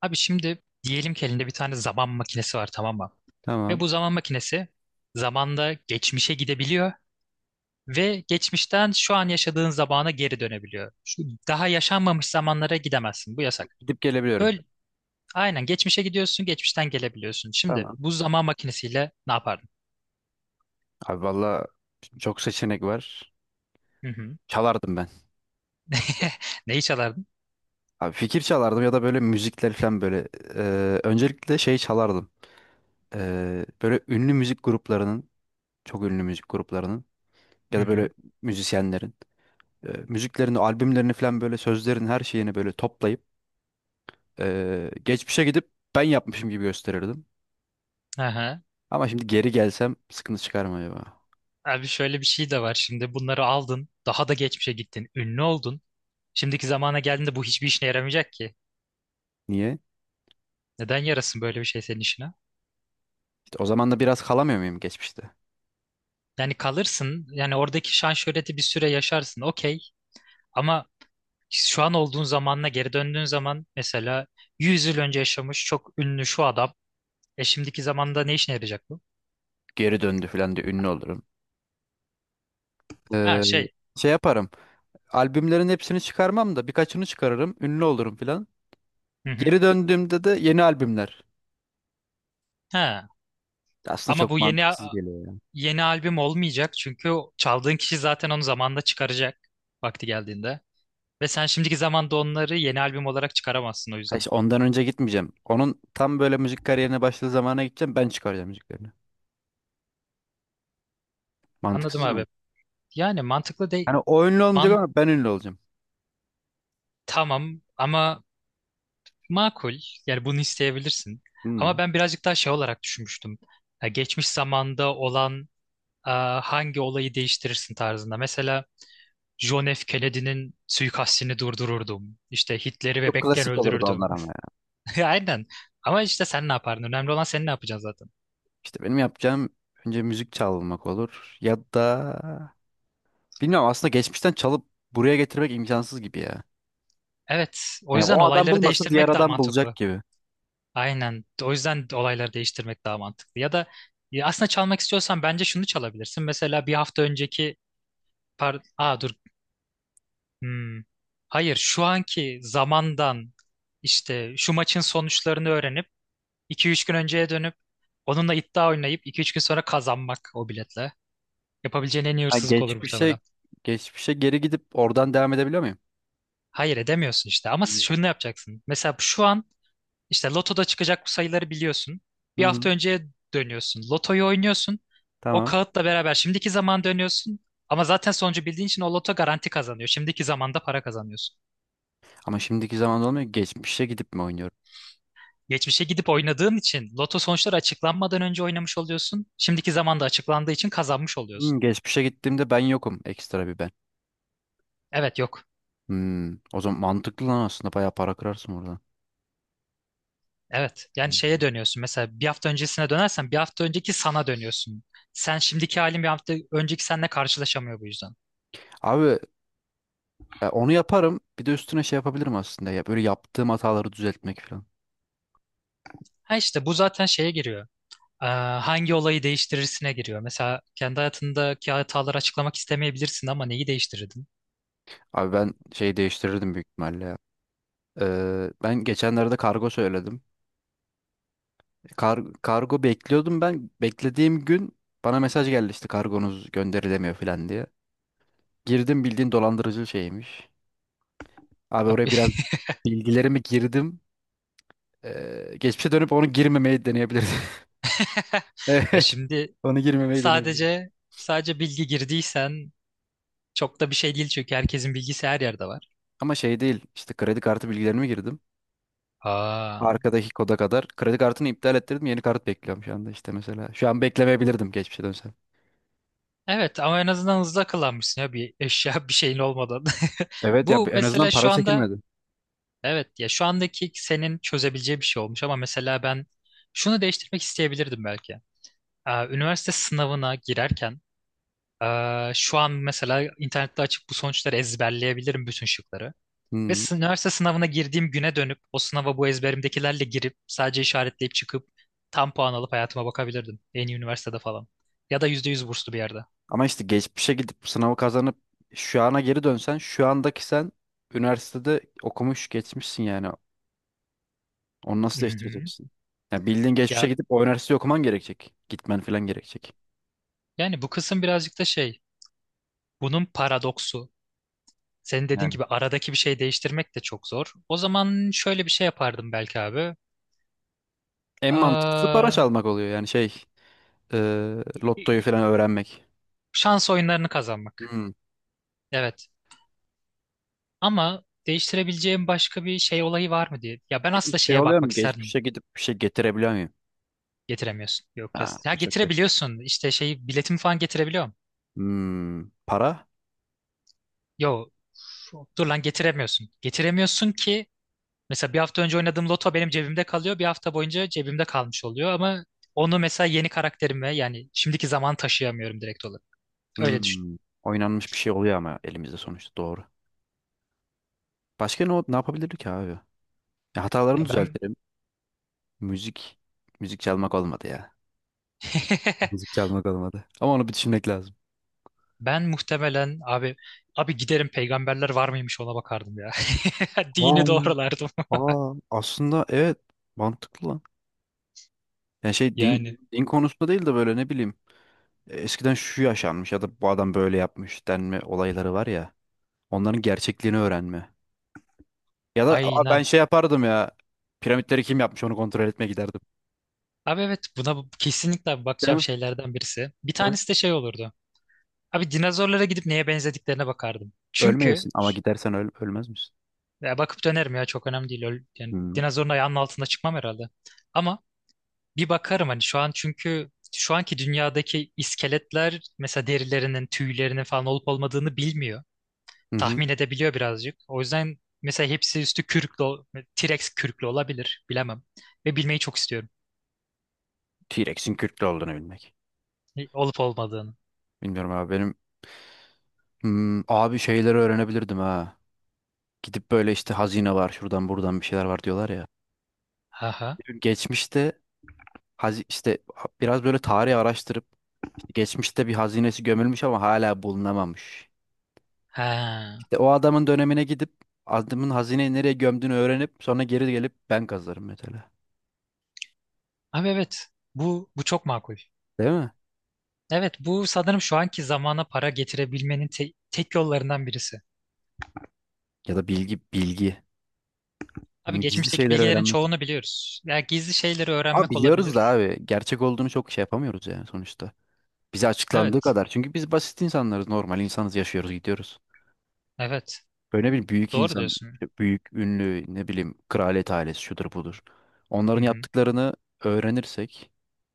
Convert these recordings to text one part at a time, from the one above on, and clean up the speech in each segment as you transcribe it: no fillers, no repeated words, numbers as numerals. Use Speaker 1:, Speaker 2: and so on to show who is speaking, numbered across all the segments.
Speaker 1: Abi şimdi diyelim ki elinde bir tane zaman makinesi var, tamam mı? Ve
Speaker 2: Tamam.
Speaker 1: bu zaman makinesi zamanda geçmişe gidebiliyor ve geçmişten şu an yaşadığın zamana geri dönebiliyor. Şu daha yaşanmamış zamanlara gidemezsin. Bu yasak.
Speaker 2: Gidip gelebiliyorum.
Speaker 1: Böyle aynen geçmişe gidiyorsun, geçmişten gelebiliyorsun. Şimdi
Speaker 2: Tamam.
Speaker 1: bu zaman makinesiyle ne yapardın?
Speaker 2: Abi valla çok seçenek var.
Speaker 1: Hı hı.
Speaker 2: Çalardım ben.
Speaker 1: Neyi çalardın?
Speaker 2: Abi fikir çalardım ya da böyle müzikler falan böyle. Öncelikle şey çalardım. Böyle ünlü müzik gruplarının, çok ünlü müzik gruplarının
Speaker 1: Hı
Speaker 2: ya da böyle
Speaker 1: hı.
Speaker 2: müzisyenlerin müziklerini, albümlerini falan böyle sözlerin her şeyini böyle toplayıp geçmişe gidip ben yapmışım gibi gösterirdim.
Speaker 1: Aha.
Speaker 2: Ama şimdi geri gelsem sıkıntı çıkar mı acaba?
Speaker 1: Abi şöyle bir şey de var şimdi. Bunları aldın, daha da geçmişe gittin, ünlü oldun. Şimdiki zamana geldiğinde bu hiçbir işine yaramayacak ki.
Speaker 2: Niye?
Speaker 1: Neden yarasın böyle bir şey senin işine?
Speaker 2: İşte o zaman da biraz kalamıyor muyum geçmişte?
Speaker 1: Yani kalırsın. Yani oradaki şan şöhreti bir süre yaşarsın. Okey. Ama şu an olduğun zamanla geri döndüğün zaman mesela 100 yıl önce yaşamış çok ünlü şu adam. E şimdiki zamanda ne işine yarayacak bu?
Speaker 2: Geri döndü falan diye ünlü olurum.
Speaker 1: Ha
Speaker 2: Ee,
Speaker 1: şey.
Speaker 2: Şey yaparım. Albümlerin hepsini çıkarmam da birkaçını çıkarırım. Ünlü olurum filan.
Speaker 1: Hı hı.
Speaker 2: Geri döndüğümde de yeni albümler.
Speaker 1: Ha.
Speaker 2: Aslında
Speaker 1: Ama
Speaker 2: çok
Speaker 1: bu yeni
Speaker 2: mantıksız geliyor ya.
Speaker 1: yeni albüm olmayacak çünkü o çaldığın kişi zaten onu zamanda çıkaracak vakti geldiğinde. Ve sen şimdiki zamanda onları yeni albüm olarak çıkaramazsın o
Speaker 2: Ha
Speaker 1: yüzden.
Speaker 2: işte ondan önce gitmeyeceğim. Onun tam böyle müzik kariyerine başladığı zamana gideceğim. Ben çıkaracağım müziklerini.
Speaker 1: Anladım
Speaker 2: Mantıksız mı?
Speaker 1: abi. Yani mantıklı değil.
Speaker 2: Hani o ünlü olmayacak
Speaker 1: Man
Speaker 2: ama ben ünlü olacağım.
Speaker 1: tamam ama makul. Yani bunu isteyebilirsin.
Speaker 2: Hmm.
Speaker 1: Ama ben birazcık daha şey olarak düşünmüştüm. Ya geçmiş zamanda olan e, hangi olayı değiştirirsin tarzında. Mesela John F. Kennedy'nin suikastini durdururdum. İşte Hitler'i
Speaker 2: Çok
Speaker 1: bebekken
Speaker 2: klasik olurdu
Speaker 1: öldürürdüm.
Speaker 2: onlar ama ya.
Speaker 1: Aynen. Ama işte sen ne yapardın? Önemli olan sen ne yapacaksın zaten.
Speaker 2: İşte benim yapacağım önce müzik çalmak olur. Ya da bilmiyorum aslında geçmişten çalıp buraya getirmek imkansız gibi ya.
Speaker 1: Evet. O
Speaker 2: Yani
Speaker 1: yüzden
Speaker 2: o adam
Speaker 1: olayları
Speaker 2: bulmasa diğer
Speaker 1: değiştirmek daha
Speaker 2: adam bulacak
Speaker 1: mantıklı.
Speaker 2: gibi.
Speaker 1: Aynen. O yüzden olayları değiştirmek daha mantıklı. Ya da ya aslında çalmak istiyorsan bence şunu çalabilirsin. Mesela bir hafta önceki Aa, dur. Hmm. Hayır, şu anki zamandan işte şu maçın sonuçlarını öğrenip 2-3 gün önceye dönüp onunla iddia oynayıp 2-3 gün sonra kazanmak o biletle. Yapabileceğin en iyi
Speaker 2: Ha,
Speaker 1: hırsızlık olur
Speaker 2: geçmişe
Speaker 1: muhtemelen.
Speaker 2: geçmişe geri gidip oradan devam edebiliyor muyum?
Speaker 1: Hayır edemiyorsun işte, ama
Speaker 2: Hmm.
Speaker 1: şunu yapacaksın. Mesela şu an işte lotoda çıkacak bu sayıları biliyorsun.
Speaker 2: Hı
Speaker 1: Bir
Speaker 2: hı.
Speaker 1: hafta önceye dönüyorsun. Lotoyu oynuyorsun. O
Speaker 2: Tamam.
Speaker 1: kağıtla beraber şimdiki zaman dönüyorsun. Ama zaten sonucu bildiğin için o loto garanti kazanıyor. Şimdiki zamanda para kazanıyorsun.
Speaker 2: Ama şimdiki zamanda olmuyor ki. Geçmişe gidip mi oynuyorum?
Speaker 1: Geçmişe gidip oynadığın için loto sonuçları açıklanmadan önce oynamış oluyorsun. Şimdiki zamanda açıklandığı için kazanmış oluyorsun.
Speaker 2: Hmm, geçmişe gittiğimde ben yokum. Ekstra bir ben.
Speaker 1: Evet yok.
Speaker 2: Hmm, o zaman mantıklı lan aslında. Bayağı para kırarsın oradan.
Speaker 1: Evet. Yani şeye
Speaker 2: Hmm.
Speaker 1: dönüyorsun. Mesela bir hafta öncesine dönersen bir hafta önceki sana dönüyorsun. Sen şimdiki halin bir hafta önceki seninle karşılaşamıyor bu yüzden.
Speaker 2: Abi onu yaparım. Bir de üstüne şey yapabilirim aslında ya. Böyle yaptığım hataları düzeltmek falan.
Speaker 1: Ha işte bu zaten şeye giriyor. Ee, hangi olayı değiştirirsine giriyor. Mesela kendi hayatındaki hataları açıklamak istemeyebilirsin ama neyi değiştirirdin?
Speaker 2: Abi ben şeyi değiştirirdim büyük ihtimalle ya. Ben geçenlerde kargo söyledim. Kargo bekliyordum ben. Beklediğim gün bana mesaj geldi işte kargonuz gönderilemiyor falan diye. Girdim bildiğin dolandırıcı şeymiş. Abi oraya
Speaker 1: Abi,
Speaker 2: biraz bilgilerimi girdim. Geçmişe dönüp onu girmemeyi deneyebilirdim.
Speaker 1: ya
Speaker 2: Evet,
Speaker 1: şimdi
Speaker 2: onu girmemeyi deneyebilirdim.
Speaker 1: sadece sadece bilgi girdiysen çok da bir şey değil çünkü herkesin bilgisi her yerde var.
Speaker 2: Ama şey değil işte kredi kartı bilgilerimi girdim.
Speaker 1: Aa.
Speaker 2: Arkadaki koda kadar kredi kartını iptal ettirdim, yeni kart bekliyorum şu anda işte mesela. Şu an beklemeyebilirdim geçmişe dönsem.
Speaker 1: Evet, ama en azından hızlı akıllanmışsın ya, bir eşya bir şeyin olmadan.
Speaker 2: Evet ya,
Speaker 1: Bu
Speaker 2: en azından
Speaker 1: mesela
Speaker 2: para
Speaker 1: şu anda,
Speaker 2: çekilmedi.
Speaker 1: evet ya, şu andaki senin çözebileceği bir şey olmuş, ama mesela ben şunu değiştirmek isteyebilirdim belki. Aa, üniversite sınavına girerken, aa, şu an mesela internette açıp bu sonuçları ezberleyebilirim bütün şıkları. Ve
Speaker 2: Hmm.
Speaker 1: üniversite sınavına girdiğim güne dönüp o sınava bu ezberimdekilerle girip sadece işaretleyip çıkıp tam puan alıp hayatıma bakabilirdim. En iyi üniversitede falan. Ya da %100 burslu bir yerde.
Speaker 2: Ama işte geçmişe gidip bu sınavı kazanıp şu ana geri dönsen şu andaki sen üniversitede okumuş geçmişsin yani. Onu nasıl
Speaker 1: Mhm.
Speaker 2: değiştireceksin? Yani bildiğin geçmişe
Speaker 1: Ya
Speaker 2: gidip o üniversiteyi okuman gerekecek. Gitmen falan gerekecek.
Speaker 1: yani bu kısım birazcık da şey. Bunun paradoksu. Senin dediğin
Speaker 2: Yani
Speaker 1: gibi aradaki bir şey değiştirmek de çok zor. O zaman şöyle bir şey yapardım belki abi.
Speaker 2: en mantıklısı para
Speaker 1: Aa,
Speaker 2: çalmak oluyor yani şey, e, lottoyu falan öğrenmek.
Speaker 1: şans oyunlarını kazanmak.
Speaker 2: Hmm.
Speaker 1: Evet. Ama değiştirebileceğim başka bir şey, olayı var mı diye. Ya ben
Speaker 2: Peki
Speaker 1: aslında
Speaker 2: şey
Speaker 1: şeye
Speaker 2: oluyor
Speaker 1: bakmak
Speaker 2: mu?
Speaker 1: isterdim.
Speaker 2: Geçmişe gidip bir şey getirebiliyor muyum?
Speaker 1: Getiremiyorsun. Yok ya.
Speaker 2: Ha,
Speaker 1: Ya
Speaker 2: bu çok kötü.
Speaker 1: getirebiliyorsun. İşte şey, biletimi falan getirebiliyorum.
Speaker 2: Hmm. Para?
Speaker 1: Yo. Dur lan, getiremiyorsun. Getiremiyorsun ki mesela bir hafta önce oynadığım loto benim cebimde kalıyor. Bir hafta boyunca cebimde kalmış oluyor, ama onu mesela yeni karakterime, yani şimdiki zaman taşıyamıyorum direkt olarak. Öyle düşün.
Speaker 2: Hmm. Oynanmış bir şey oluyor ama elimizde sonuçta, doğru. Başka ne, ne yapabilirdik ki abi? Ya hatalarımı
Speaker 1: Ya ben
Speaker 2: düzeltirim. Müzik müzik çalmak olmadı ya. Müzik çalmak olmadı. Ama onu bir düşünmek lazım.
Speaker 1: ben muhtemelen abi giderim, peygamberler var mıymış ona bakardım ya.
Speaker 2: Aa,
Speaker 1: Dini doğrulardım.
Speaker 2: aa, aslında evet mantıklı lan. Yani şey din
Speaker 1: Yani
Speaker 2: din konusunda değil de böyle ne bileyim eskiden şu yaşanmış ya da bu adam böyle yapmış denme olayları var ya. Onların gerçekliğini öğrenme. Ya da aa, ben
Speaker 1: aynen.
Speaker 2: şey yapardım ya. Piramitleri kim yapmış onu kontrol etmeye giderdim.
Speaker 1: Abi evet, buna kesinlikle
Speaker 2: Değil
Speaker 1: bakacağım
Speaker 2: mi?
Speaker 1: şeylerden birisi. Bir
Speaker 2: Evet.
Speaker 1: tanesi de şey olurdu. Abi dinozorlara gidip neye benzediklerine bakardım. Çünkü
Speaker 2: Ölmeyesin ama gidersen öl ölmez misin?
Speaker 1: ya bakıp dönerim ya, çok önemli değil. Yani
Speaker 2: Hmm.
Speaker 1: dinozorun ayağının altında çıkmam herhalde. Ama bir bakarım hani, şu an çünkü şu anki dünyadaki iskeletler mesela derilerinin, tüylerinin falan olup olmadığını bilmiyor.
Speaker 2: Hı hı.
Speaker 1: Tahmin edebiliyor birazcık. O yüzden mesela hepsi üstü kürklü, T-Rex kürklü olabilir. Bilemem. Ve bilmeyi çok istiyorum.
Speaker 2: T-Rex'in Kürtlü olduğunu bilmek.
Speaker 1: Olup olmadığını.
Speaker 2: Bilmiyorum abi benim, hmm, abi şeyleri öğrenebilirdim ha. Gidip böyle işte hazine var şuradan buradan bir şeyler var diyorlar ya.
Speaker 1: Aha.
Speaker 2: Geçmişte işte biraz böyle tarihi araştırıp işte geçmişte bir hazinesi gömülmüş ama hala bulunamamış.
Speaker 1: Ha.
Speaker 2: İşte o adamın dönemine gidip adamın hazineyi nereye gömdüğünü öğrenip sonra geri gelip ben kazarım mesela.
Speaker 1: Abi evet. Bu çok makul.
Speaker 2: Değil mi?
Speaker 1: Evet, bu sanırım şu anki zamana para getirebilmenin tek yollarından birisi.
Speaker 2: Ya da bilgi. Hı,
Speaker 1: Abi
Speaker 2: gizli
Speaker 1: geçmişteki
Speaker 2: şeyleri
Speaker 1: bilgilerin
Speaker 2: öğrenmek.
Speaker 1: çoğunu biliyoruz. Ya gizli şeyleri
Speaker 2: Ama
Speaker 1: öğrenmek
Speaker 2: biliyoruz da
Speaker 1: olabilir.
Speaker 2: abi gerçek olduğunu çok şey yapamıyoruz yani sonuçta. Bize açıklandığı
Speaker 1: Evet.
Speaker 2: kadar. Çünkü biz basit insanlarız, normal insanız, yaşıyoruz, gidiyoruz.
Speaker 1: Evet.
Speaker 2: Öyle bir büyük
Speaker 1: Doğru
Speaker 2: insan,
Speaker 1: diyorsun.
Speaker 2: işte büyük ünlü ne bileyim kraliyet ailesi şudur budur.
Speaker 1: Hı
Speaker 2: Onların
Speaker 1: hı.
Speaker 2: yaptıklarını öğrenirsek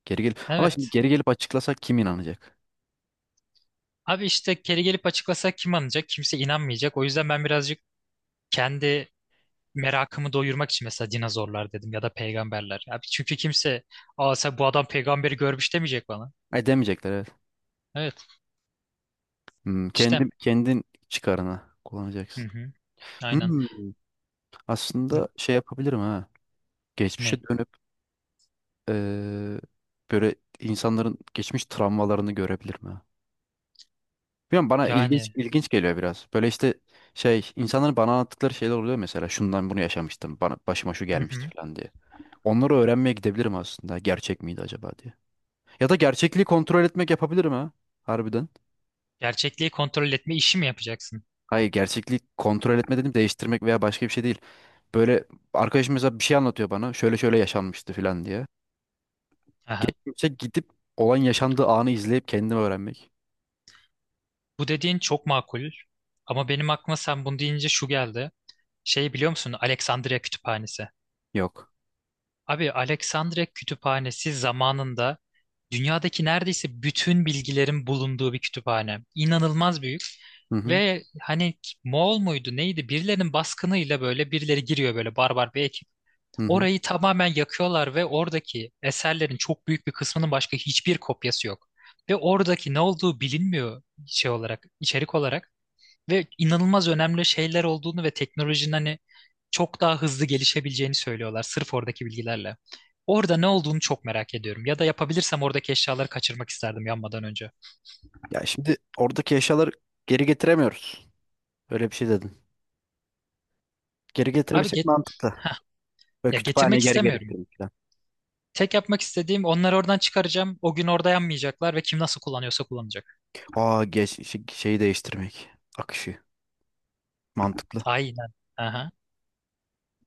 Speaker 2: geri gelip, ama şimdi
Speaker 1: Evet.
Speaker 2: geri gelip açıklasak kim inanacak?
Speaker 1: Abi işte geri gelip açıklasa kim anlayacak? Kimse inanmayacak. O yüzden ben birazcık kendi merakımı doyurmak için mesela dinozorlar dedim ya da peygamberler. Abi çünkü kimse, aa, sen bu adam peygamberi görmüş demeyecek bana.
Speaker 2: E demeyecekler, evet.
Speaker 1: Evet.
Speaker 2: Hmm,
Speaker 1: işte.
Speaker 2: kendin çıkarına
Speaker 1: Hı
Speaker 2: kullanacaksın.
Speaker 1: hı. Aynen.
Speaker 2: Hmm,
Speaker 1: N-
Speaker 2: aslında şey yapabilirim ha.
Speaker 1: Ne?
Speaker 2: Geçmişe dönüp eee, böyle insanların geçmiş travmalarını görebilirim ha. Bilmiyorum, bana ilginç
Speaker 1: Yani.
Speaker 2: ilginç geliyor biraz. Böyle işte şey, insanların bana anlattıkları şeyler oluyor mesela şundan bunu yaşamıştım, bana başıma şu
Speaker 1: Hı
Speaker 2: gelmişti
Speaker 1: hı.
Speaker 2: falan diye. Onları öğrenmeye gidebilirim aslında gerçek miydi acaba diye. Ya da gerçekliği kontrol etmek yapabilirim ha, harbiden.
Speaker 1: Gerçekliği kontrol etme işi mi yapacaksın?
Speaker 2: Hayır, gerçekliği kontrol etme dedim, değiştirmek veya başka bir şey değil. Böyle arkadaşım mesela bir şey anlatıyor bana, şöyle şöyle yaşanmıştı falan diye.
Speaker 1: Aha.
Speaker 2: Geçmişe gidip olan yaşandığı anı izleyip kendimi öğrenmek.
Speaker 1: Bu dediğin çok makul. Ama benim aklıma sen bunu deyince şu geldi. Şey, biliyor musun? Alexandria Kütüphanesi.
Speaker 2: Yok.
Speaker 1: Abi Alexandria Kütüphanesi zamanında dünyadaki neredeyse bütün bilgilerin bulunduğu bir kütüphane. İnanılmaz büyük.
Speaker 2: Hı hı.
Speaker 1: Ve hani Moğol muydu neydi? Birilerinin baskınıyla böyle birileri giriyor, böyle barbar bir,
Speaker 2: Hı hı.
Speaker 1: orayı tamamen yakıyorlar ve oradaki eserlerin çok büyük bir kısmının başka hiçbir kopyası yok. Ve oradaki ne olduğu bilinmiyor şey olarak, içerik olarak, ve inanılmaz önemli şeyler olduğunu ve teknolojinin hani çok daha hızlı gelişebileceğini söylüyorlar sırf oradaki bilgilerle. Orada ne olduğunu çok merak ediyorum. Ya da yapabilirsem oradaki eşyaları kaçırmak isterdim yanmadan önce.
Speaker 2: Ya şimdi oradaki eşyaları geri getiremiyoruz. Öyle bir şey dedin. Geri
Speaker 1: Abi
Speaker 2: getirebilsek
Speaker 1: get
Speaker 2: mantıklı.
Speaker 1: Heh,
Speaker 2: Böyle
Speaker 1: ya getirmek
Speaker 2: kütüphaneyi geri
Speaker 1: istemiyorum.
Speaker 2: getirmek falan.
Speaker 1: Tek yapmak istediğim onları oradan çıkaracağım. O gün orada yanmayacaklar ve kim nasıl kullanıyorsa kullanacak.
Speaker 2: Aa geç, şeyi değiştirmek. Akışı. Mantıklı.
Speaker 1: Aynen. Aha.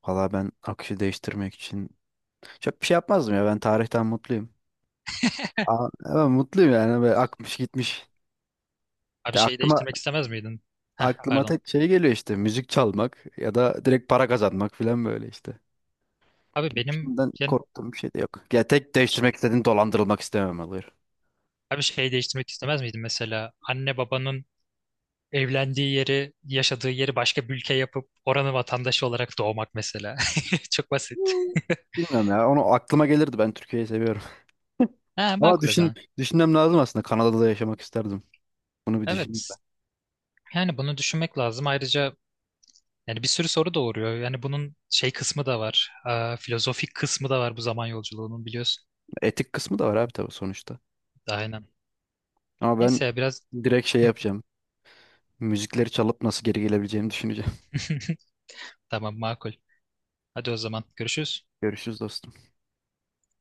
Speaker 2: Valla ben akışı değiştirmek için çok bir şey yapmazdım ya. Ben tarihten mutluyum. Aa, ben mutluyum yani. Böyle akmış gitmiş.
Speaker 1: Abi
Speaker 2: Ya
Speaker 1: şeyi
Speaker 2: aklıma,
Speaker 1: değiştirmek istemez miydin? Heh, pardon.
Speaker 2: tek şey geliyor işte. Müzik çalmak ya da direkt para kazanmak falan böyle işte.
Speaker 1: Abi benim
Speaker 2: Geçmişimden
Speaker 1: yani,
Speaker 2: korktuğum bir şey de yok. Ya tek değiştirmek istediğim dolandırılmak istemem olur.
Speaker 1: abi şeyi değiştirmek istemez miydin mesela anne babanın evlendiği yeri, yaşadığı yeri başka bir ülke yapıp oranın vatandaşı olarak doğmak mesela. Çok basit.
Speaker 2: Bilmiyorum ya. Onu aklıma gelirdi. Ben Türkiye'yi seviyorum.
Speaker 1: Ha,
Speaker 2: Ama
Speaker 1: makul o
Speaker 2: düşün,
Speaker 1: zaman.
Speaker 2: düşünmem lazım aslında. Kanada'da da yaşamak isterdim. Bunu bir düşüneyim ben.
Speaker 1: Evet. Yani bunu düşünmek lazım. Ayrıca yani bir sürü soru doğuruyor. Yani bunun şey kısmı da var. Aa, filozofik kısmı da var bu zaman yolculuğunun, biliyorsun.
Speaker 2: Etik kısmı da var abi, tabii, sonuçta.
Speaker 1: Aynen.
Speaker 2: Ama ben
Speaker 1: Neyse ya biraz
Speaker 2: direkt şey yapacağım. Müzikleri çalıp nasıl geri gelebileceğimi düşüneceğim.
Speaker 1: tamam, makul. Hadi o zaman görüşürüz.
Speaker 2: Görüşürüz dostum.